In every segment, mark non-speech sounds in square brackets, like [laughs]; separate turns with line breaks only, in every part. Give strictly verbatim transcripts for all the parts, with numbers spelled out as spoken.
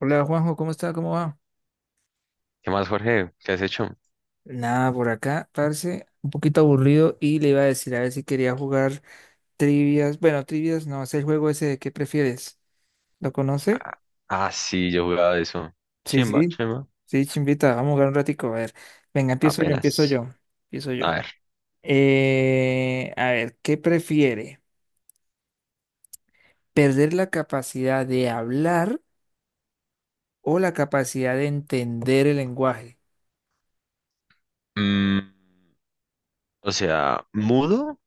Hola Juanjo, ¿cómo está? ¿Cómo va?
¿Qué más, Jorge? ¿Qué has hecho?
Nada, por acá, parce, un poquito aburrido y le iba a decir a ver si quería jugar trivias. Bueno, trivias no, es el juego ese de qué prefieres. ¿Lo conoce?
Ah, ah, sí, yo jugaba de eso.
Sí,
Chimba,
sí.
chimba.
Sí, chimbita, vamos a jugar un ratico. A ver, venga, empiezo yo, empiezo
Apenas.
yo, empiezo
A
yo.
ver.
Eh, a ver, ¿qué prefiere? ¿Perder la capacidad de hablar o la capacidad de entender el lenguaje?
mm, o sea, mudo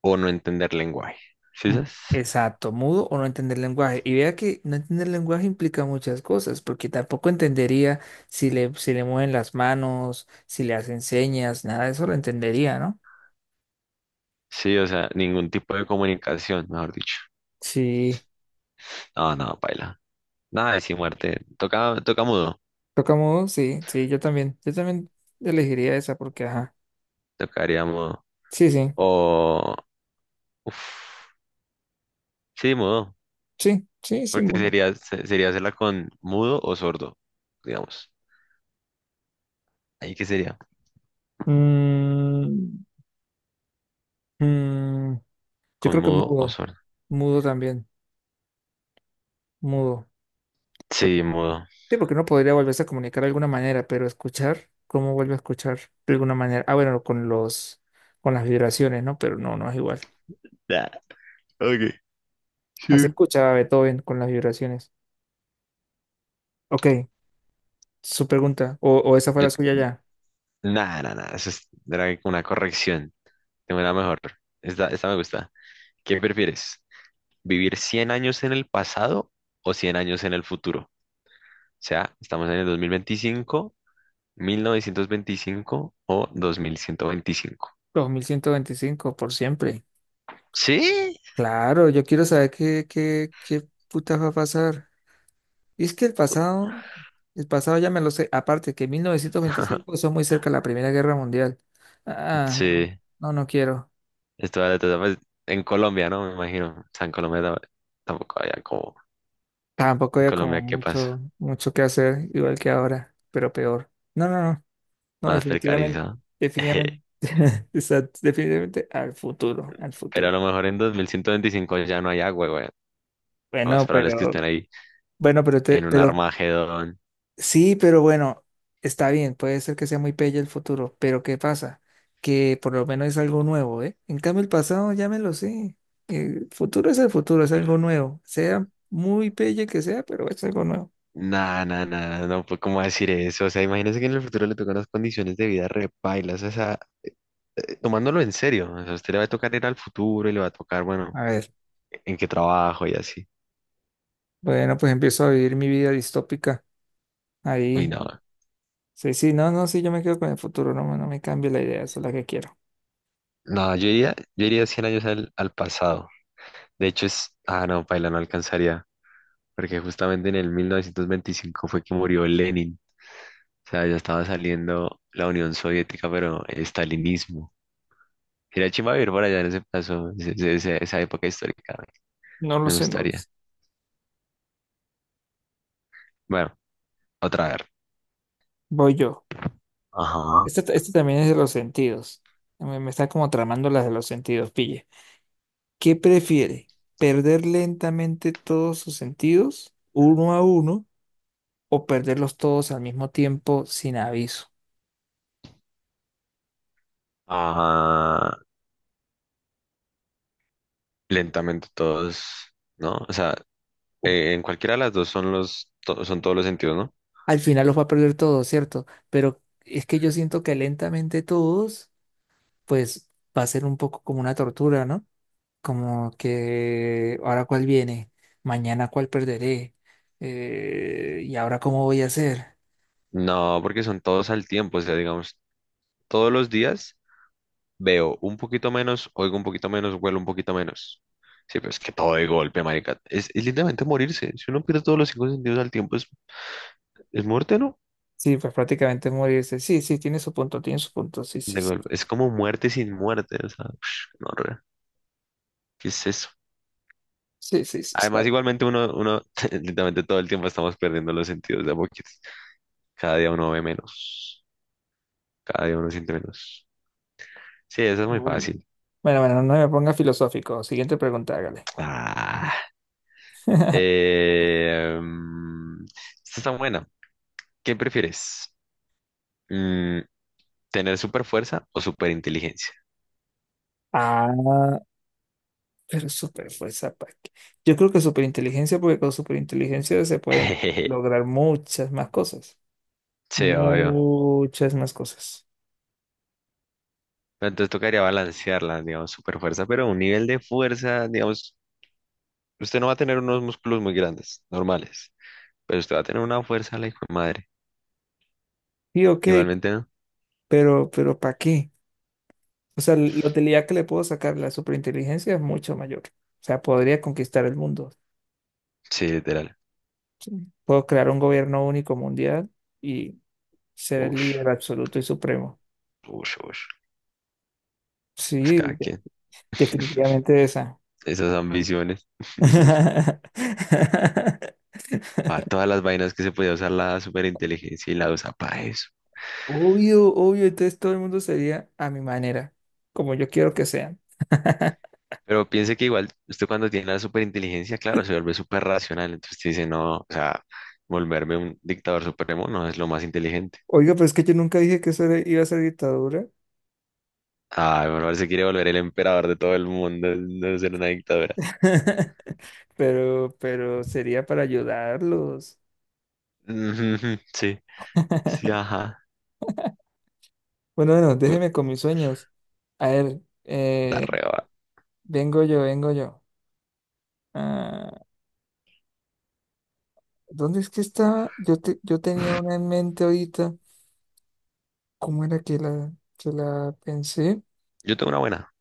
o no entender lenguaje. ¿Sí
Mm.
sabes?
Exacto, mudo o no entender lenguaje. Y vea que no entender lenguaje implica muchas cosas, porque tampoco entendería si le, si le mueven las manos, si le hacen señas, nada de eso lo entendería, ¿no?
Sí, o sea, ningún tipo de comunicación, mejor dicho.
Sí,
No, no, paila. Nada de sin muerte. Toca, toca mudo.
toca mudo, sí, sí, yo también, yo también elegiría esa porque, ajá,
Tocaría mudo.
sí, sí,
O. Uf, sí, mudo.
sí, sí, sí,
Porque
mudo.
sería, se- sería hacerla con mudo o sordo, digamos. ¿Ahí qué sería?
Mm, mm, yo
¿Con
creo que
mudo o
mudo,
sordo?
mudo también, mudo.
Sí, mudo.
Sí, porque no podría volverse a comunicar de alguna manera, pero escuchar, ¿cómo vuelve a escuchar de alguna manera? Ah, bueno, con los, con las vibraciones, ¿no? Pero no, no es igual.
[laughs] Ok,
Así
sí.
escuchaba Beethoven con las vibraciones. Ok, su pregunta, o, o esa fue
Yo,
la suya ya.
nada, nada, nada. Eso es- era una corrección. Tengo una mejor. Esta, esta me gusta. ¿Qué prefieres? ¿Vivir cien años en el pasado o cien años en el futuro? O sea, estamos en el dos mil mil veinticinco, mil novecientos veinticinco o dos mil ciento veinticinco.
Dos mil ciento veinticinco por siempre.
¿Sí?
Claro, yo quiero saber qué, qué, qué putas va a pasar. Y es que el pasado, el pasado ya me lo sé. Aparte que mil novecientos veinticinco,
[laughs]
eso es muy cerca de la Primera Guerra Mundial. Ah, no,
Sí.
no, no quiero.
Esto vale todo, pues, en Colombia, ¿no? Me imagino. O sea, en Colombia ta- tampoco había como...
Tampoco
En
había como
Colombia, ¿qué pasa?
mucho, mucho que hacer, igual que ahora, pero peor. No, no, no, no,
Más
definitivamente,
precarizado.
definitivamente,
[laughs]
[laughs] exacto, definitivamente al futuro, al
Pero a
futuro.
lo mejor en dos mil ciento veinticinco ya no hay agua, güey. Lo más
Bueno,
probable es que estén
pero,
ahí
bueno, pero
en
te,
un
pero,
Armagedón.
sí, pero bueno, está bien, puede ser que sea muy pelle el futuro, pero ¿qué pasa? Que por lo menos es algo nuevo, ¿eh? En cambio, el pasado ya me lo sé. El futuro es el futuro, es algo nuevo. Sea muy pelle que sea, pero es algo nuevo.
Nah, nah, nah, nah, no puedo cómo decir eso. O sea, imagínese que en el futuro le tocan unas condiciones de vida repailas. O sea, eh, tomándolo en serio. O sea, a usted le va a tocar ir al futuro y le va a tocar, bueno,
A ver,
en qué trabajo y así.
bueno, pues empiezo a vivir mi vida distópica
Uy,
ahí.
no.
Sí, sí, no, no, sí, yo me quedo con el futuro, no, me- no me cambio la idea, esa es la que quiero.
No, yo iría, yo iría cien años al, al pasado. De hecho, es. Ah, no, paila, no alcanzaría. Porque justamente en el mil novecientos veinticinco fue que murió Lenin. O sea, ya estaba saliendo la Unión Soviética, pero el estalinismo. Sería chimba vivir por allá en ese plazo, ese- ese- ese- esa época histórica.
No lo
Me
sé, no lo sé.
gustaría. Bueno, otra vez.
Voy yo.
Ajá.
Este, ta- este también es de los sentidos. Me, me está como tramando las de los sentidos, pille. ¿Qué prefiere? ¿Perder lentamente todos sus sentidos, uno a uno, o perderlos todos al mismo tiempo sin aviso?
Ajá. Lentamente todos, ¿no? O sea, eh, en cualquiera de las dos son los, to- son todos los sentidos, ¿no?
Al final los va a perder todos, ¿cierto? Pero es que yo siento que lentamente todos, pues va a ser un poco como una tortura, ¿no? Como que ahora cuál viene, mañana cuál perderé, eh, y ahora cómo voy a hacer.
No, porque son todos al tiempo. O sea, digamos, todos los días veo un poquito menos, oigo un poquito menos, huelo un poquito menos. Sí, pero es que todo de golpe, marica. Es, es literalmente morirse. Si uno pierde todos los cinco sentidos al tiempo, es. ¿Es muerte, no?
Sí, pues prácticamente morirse. Sí, sí, tiene su punto, tiene su punto. Sí, sí,
De
sí.
golpe. Es como muerte sin muerte, o sea, [sniffs] no, re, ¿qué es eso?
Sí, sí, sí, está.
Además, igualmente uno, uno, [laughs] literalmente todo el tiempo estamos perdiendo los sentidos de a poquitos. Cada día uno ve menos, cada día uno siente menos. Sí, eso es muy
Bueno,
fácil.
bueno, bueno, no me ponga filosófico. Siguiente pregunta, hágale.
Ah,
[laughs]
eh, mm, esta está buena. ¿Qué prefieres? Mm, ¿Tener super fuerza o super inteligencia?
Ah, pero super fuerza, ¿para qué? Yo creo que superinteligencia, porque con superinteligencia se pueden
[laughs]
lograr muchas más cosas.
Sí, obvio.
Muchas más cosas.
Pero entonces tocaría balancearla, digamos, super fuerza, pero un nivel de fuerza, digamos, usted no va a tener unos músculos muy grandes, normales, pero usted va a tener una fuerza, la hijo de madre.
Sí, ok,
Igualmente, ¿no?
pero, pero ¿para qué? O sea, la utilidad que le puedo sacar a la superinteligencia es mucho mayor. O sea, podría conquistar el mundo.
Sí, literal.
¿Sí? Puedo crear un gobierno único mundial y ser el
Ush,
líder absoluto y supremo.
ush, ush. Pues
Sí,
cada
de-
quien. [laughs]
Definitivamente esa.
Esas ambiciones. [laughs]
[laughs]
A todas las vainas que se podía usar la superinteligencia y la usa para eso.
Obvio, obvio, entonces todo el mundo sería a mi manera, como yo quiero que sean.
Pero piense que igual, usted cuando tiene la superinteligencia, claro, se vuelve súper racional. Entonces usted dice, no, o sea, volverme un dictador supremo no es lo más inteligente.
Oiga, pero es que yo nunca dije que eso era- iba a ser dictadura.
Ah, me parece que quiere volver el emperador de todo el mundo, no ser una dictadura.
[laughs] Pero, pero sería para ayudarlos.
[laughs] Ujú, sí, sí, ajá.
Bueno, bueno,
Uh,
déjeme con mis sueños. A ver,
Está
eh,
re va.
vengo yo, vengo yo. Ah, ¿dónde es que estaba? Yo, te- yo tenía una en mente ahorita. ¿Cómo era que la, que la pensé?
Yo tengo una buena.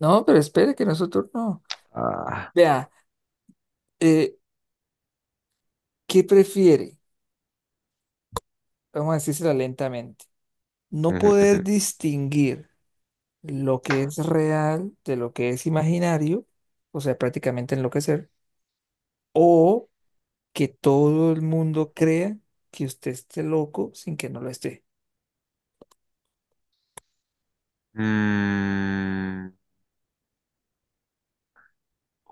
No, pero espere que nosotros no.
Ah.
Vea, eh, ¿qué prefiere? Vamos a decírsela lentamente. No
Ujú, ujú.
poder distinguir lo que es real de lo que es imaginario, o sea, prácticamente enloquecer, o que todo el mundo crea que usted esté loco sin que no lo esté.
Mm,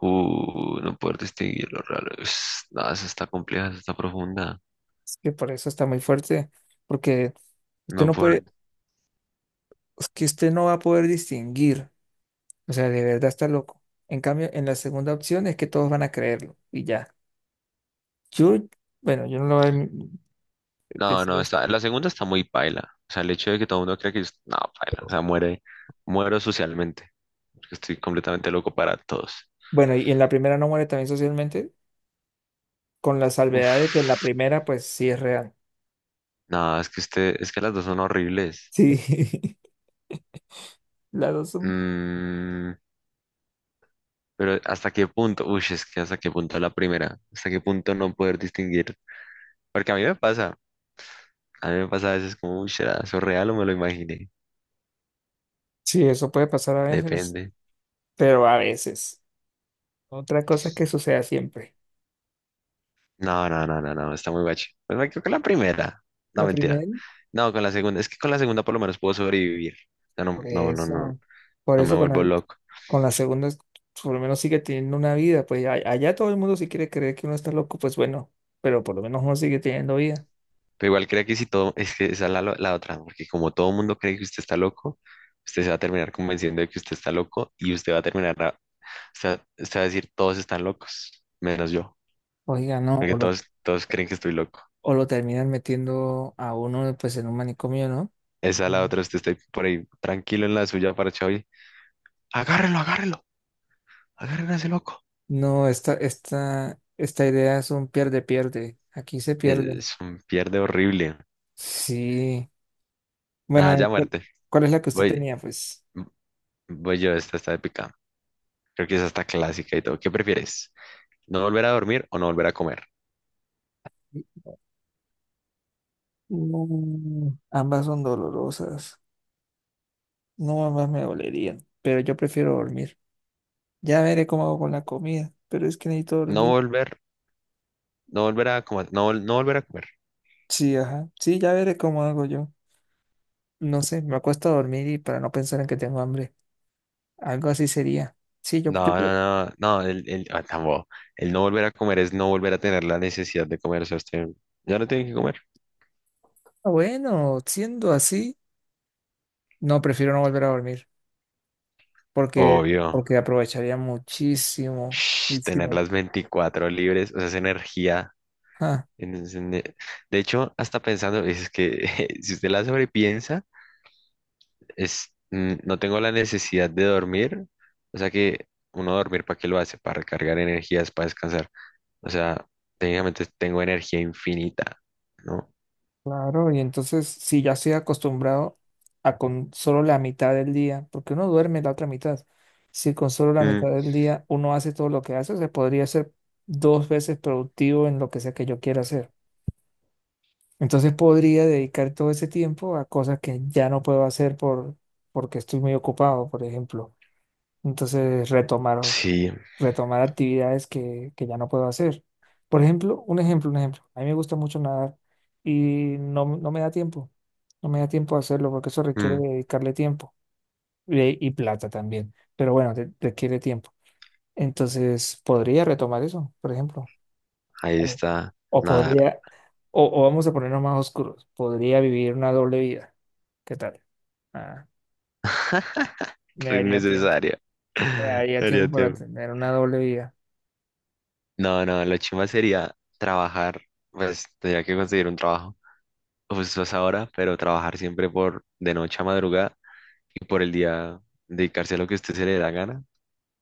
uh, no poder distinguir los raros. No, esa está compleja, esa está profunda.
Es que por eso está muy fuerte, porque
No
usted no
poder.
puede, es que usted no va a poder distinguir, o sea, de verdad está loco. En cambio, en la segunda opción es que todos van a creerlo y ya. Yo, bueno, yo no lo voy a
No,
decir a
no,
usted.
está. La segunda está muy paila. O sea, el hecho de que todo el mundo cree que yo. No, paila. O sea, muere. Muero socialmente. Porque estoy completamente loco para todos.
Bueno, y en la primera no muere también socialmente, con la salvedad de que en la
Uf.
primera, pues sí es real.
No, es que este, es que las dos son horribles.
Sí, [laughs] las dos son.
Mm, Pero ¿hasta qué punto? Uy, es que hasta qué punto la primera. ¿Hasta qué punto no poder distinguir? Porque a mí me pasa. A mí me pasa a veces como, uy, ¿será eso real o me lo imaginé?
Sí, eso puede pasar a veces,
Depende.
pero a veces. Otra cosa es que suceda siempre.
No, no, no, no, no, está muy bache. Pues me quedo con la primera. No,
La
mentira.
primera,
No, con la segunda. Es que con la segunda por lo menos puedo sobrevivir. O sea, no,
por
no, no, no,
eso, por
no me
eso con,
vuelvo
el-
loco.
con la segunda, es- por lo menos sigue teniendo una vida. Pues a- allá todo el mundo si quiere creer que uno está loco, pues bueno, pero por lo menos uno sigue teniendo vida.
Pero igual creo que si todo, es que esa es la, lo- la otra, porque como todo el mundo cree que usted está loco, usted se va a terminar convenciendo de que usted está loco y usted va a terminar, a- usted, va- usted va a decir, todos están locos, menos yo.
Oiga, no,
Porque
o lo,
todos, todos creen que estoy loco.
o lo terminan metiendo a uno pues en un manicomio, ¿no?
Esa es la
Mm.
otra, usted está por ahí tranquilo en la suya para y agárrelo, agárrelo, agárrelo a ese loco.
No, esta, esta, esta idea es un pierde, pierde. Aquí se pierde.
Es un pierde horrible.
Sí.
Nada,
Bueno, ¿y
ya
¿cuál,
muerte.
¿cuál es la que usted
Voy,
tenía? Pues
voy yo, esta está épica. Creo que esa está clásica y todo. ¿Qué prefieres? ¿No volver a dormir o no volver a comer?
mm, ambas son dolorosas. No, más me dolerían, pero yo prefiero dormir. Ya veré cómo hago con la comida, pero es que necesito
No
dormir.
volver, no volver a comer, no, vol- no volver a comer.
Sí, ajá. Sí, ya veré cómo hago yo. No sé, me acuesto a dormir y para no pensar en que tengo hambre. Algo así sería. Sí, yo, yo
No,
pre-
no, no, no, el, el, ah, tampoco. El no volver a comer es no volver a tener la necesidad de comer. O sea, usted ya no tiene que comer.
Ah, bueno, siendo así, no, prefiero no volver a dormir porque
Obvio.
porque aprovecharía muchísimo,
Shh, tener
muchísimo.
las veinticuatro libres, o sea, esa energía. en en e- De hecho, hasta pensando, es que [laughs] si usted la sobrepiensa, es, mm, no tengo la necesidad de dormir, o sea que uno dormir, ¿para qué lo hace? Para recargar energías, para descansar. O sea, técnicamente tengo energía infinita, ¿no?
Claro, y entonces si ya estoy acostumbrado a con solo la mitad del día, porque uno duerme la otra mitad, si con solo la
Mm,
mitad del día uno hace todo lo que hace, se podría ser dos veces productivo en lo que sea que yo quiera hacer. Entonces podría dedicar todo ese tiempo a cosas que ya no puedo hacer por, porque estoy muy ocupado, por ejemplo. Entonces retomar
sí,
retomar actividades que, que ya no puedo hacer. Por ejemplo, un ejemplo, un ejemplo. A mí me gusta mucho nadar y no, no me da tiempo. No me da tiempo a hacerlo porque eso requiere
mm,
dedicarle tiempo eh, y, plata también. Pero bueno, re- requiere tiempo. Entonces, podría retomar eso, por ejemplo.
ahí
O,
está,
o
nada,
podría, o, o vamos a ponernos más oscuros. Podría vivir una doble vida. ¿Qué tal? Ah, me
re
daría tiempo.
innecesaria.
Me
[laughs]
daría
Sería
tiempo para
tiempo.
tener una doble vida.
No, no, lo chimba sería trabajar, pues tendría que conseguir un trabajo justo a esa hora, pero trabajar siempre por de noche a madrugada y por el día dedicarse a lo que a usted se le da gana,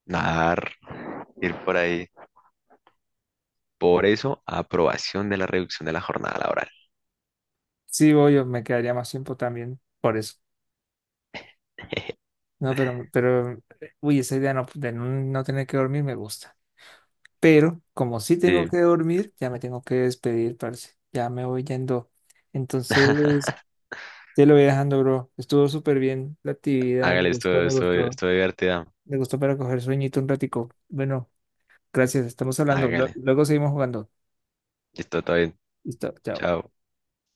nadar, ir por ahí. Por eso, aprobación de la reducción de la jornada laboral.
Sí, voy, me quedaría más tiempo también por eso. No, pero, pero, eh, uy, esa idea no, de no no tener que dormir me gusta. Pero como sí tengo
Sí,
que dormir, ya me tengo que despedir, parce. Ya me voy yendo.
[laughs]
Entonces, te lo voy dejando, bro. Estuvo súper bien la actividad, me
hágale
gustó,
esto,
me
esto,
gustó.
esto divertida.
Me gustó para coger sueñito un ratico. Bueno, gracias, estamos hablando. Lue-
Hágale.
Luego seguimos jugando.
Esto todo bien.
Listo, chao.
Chao.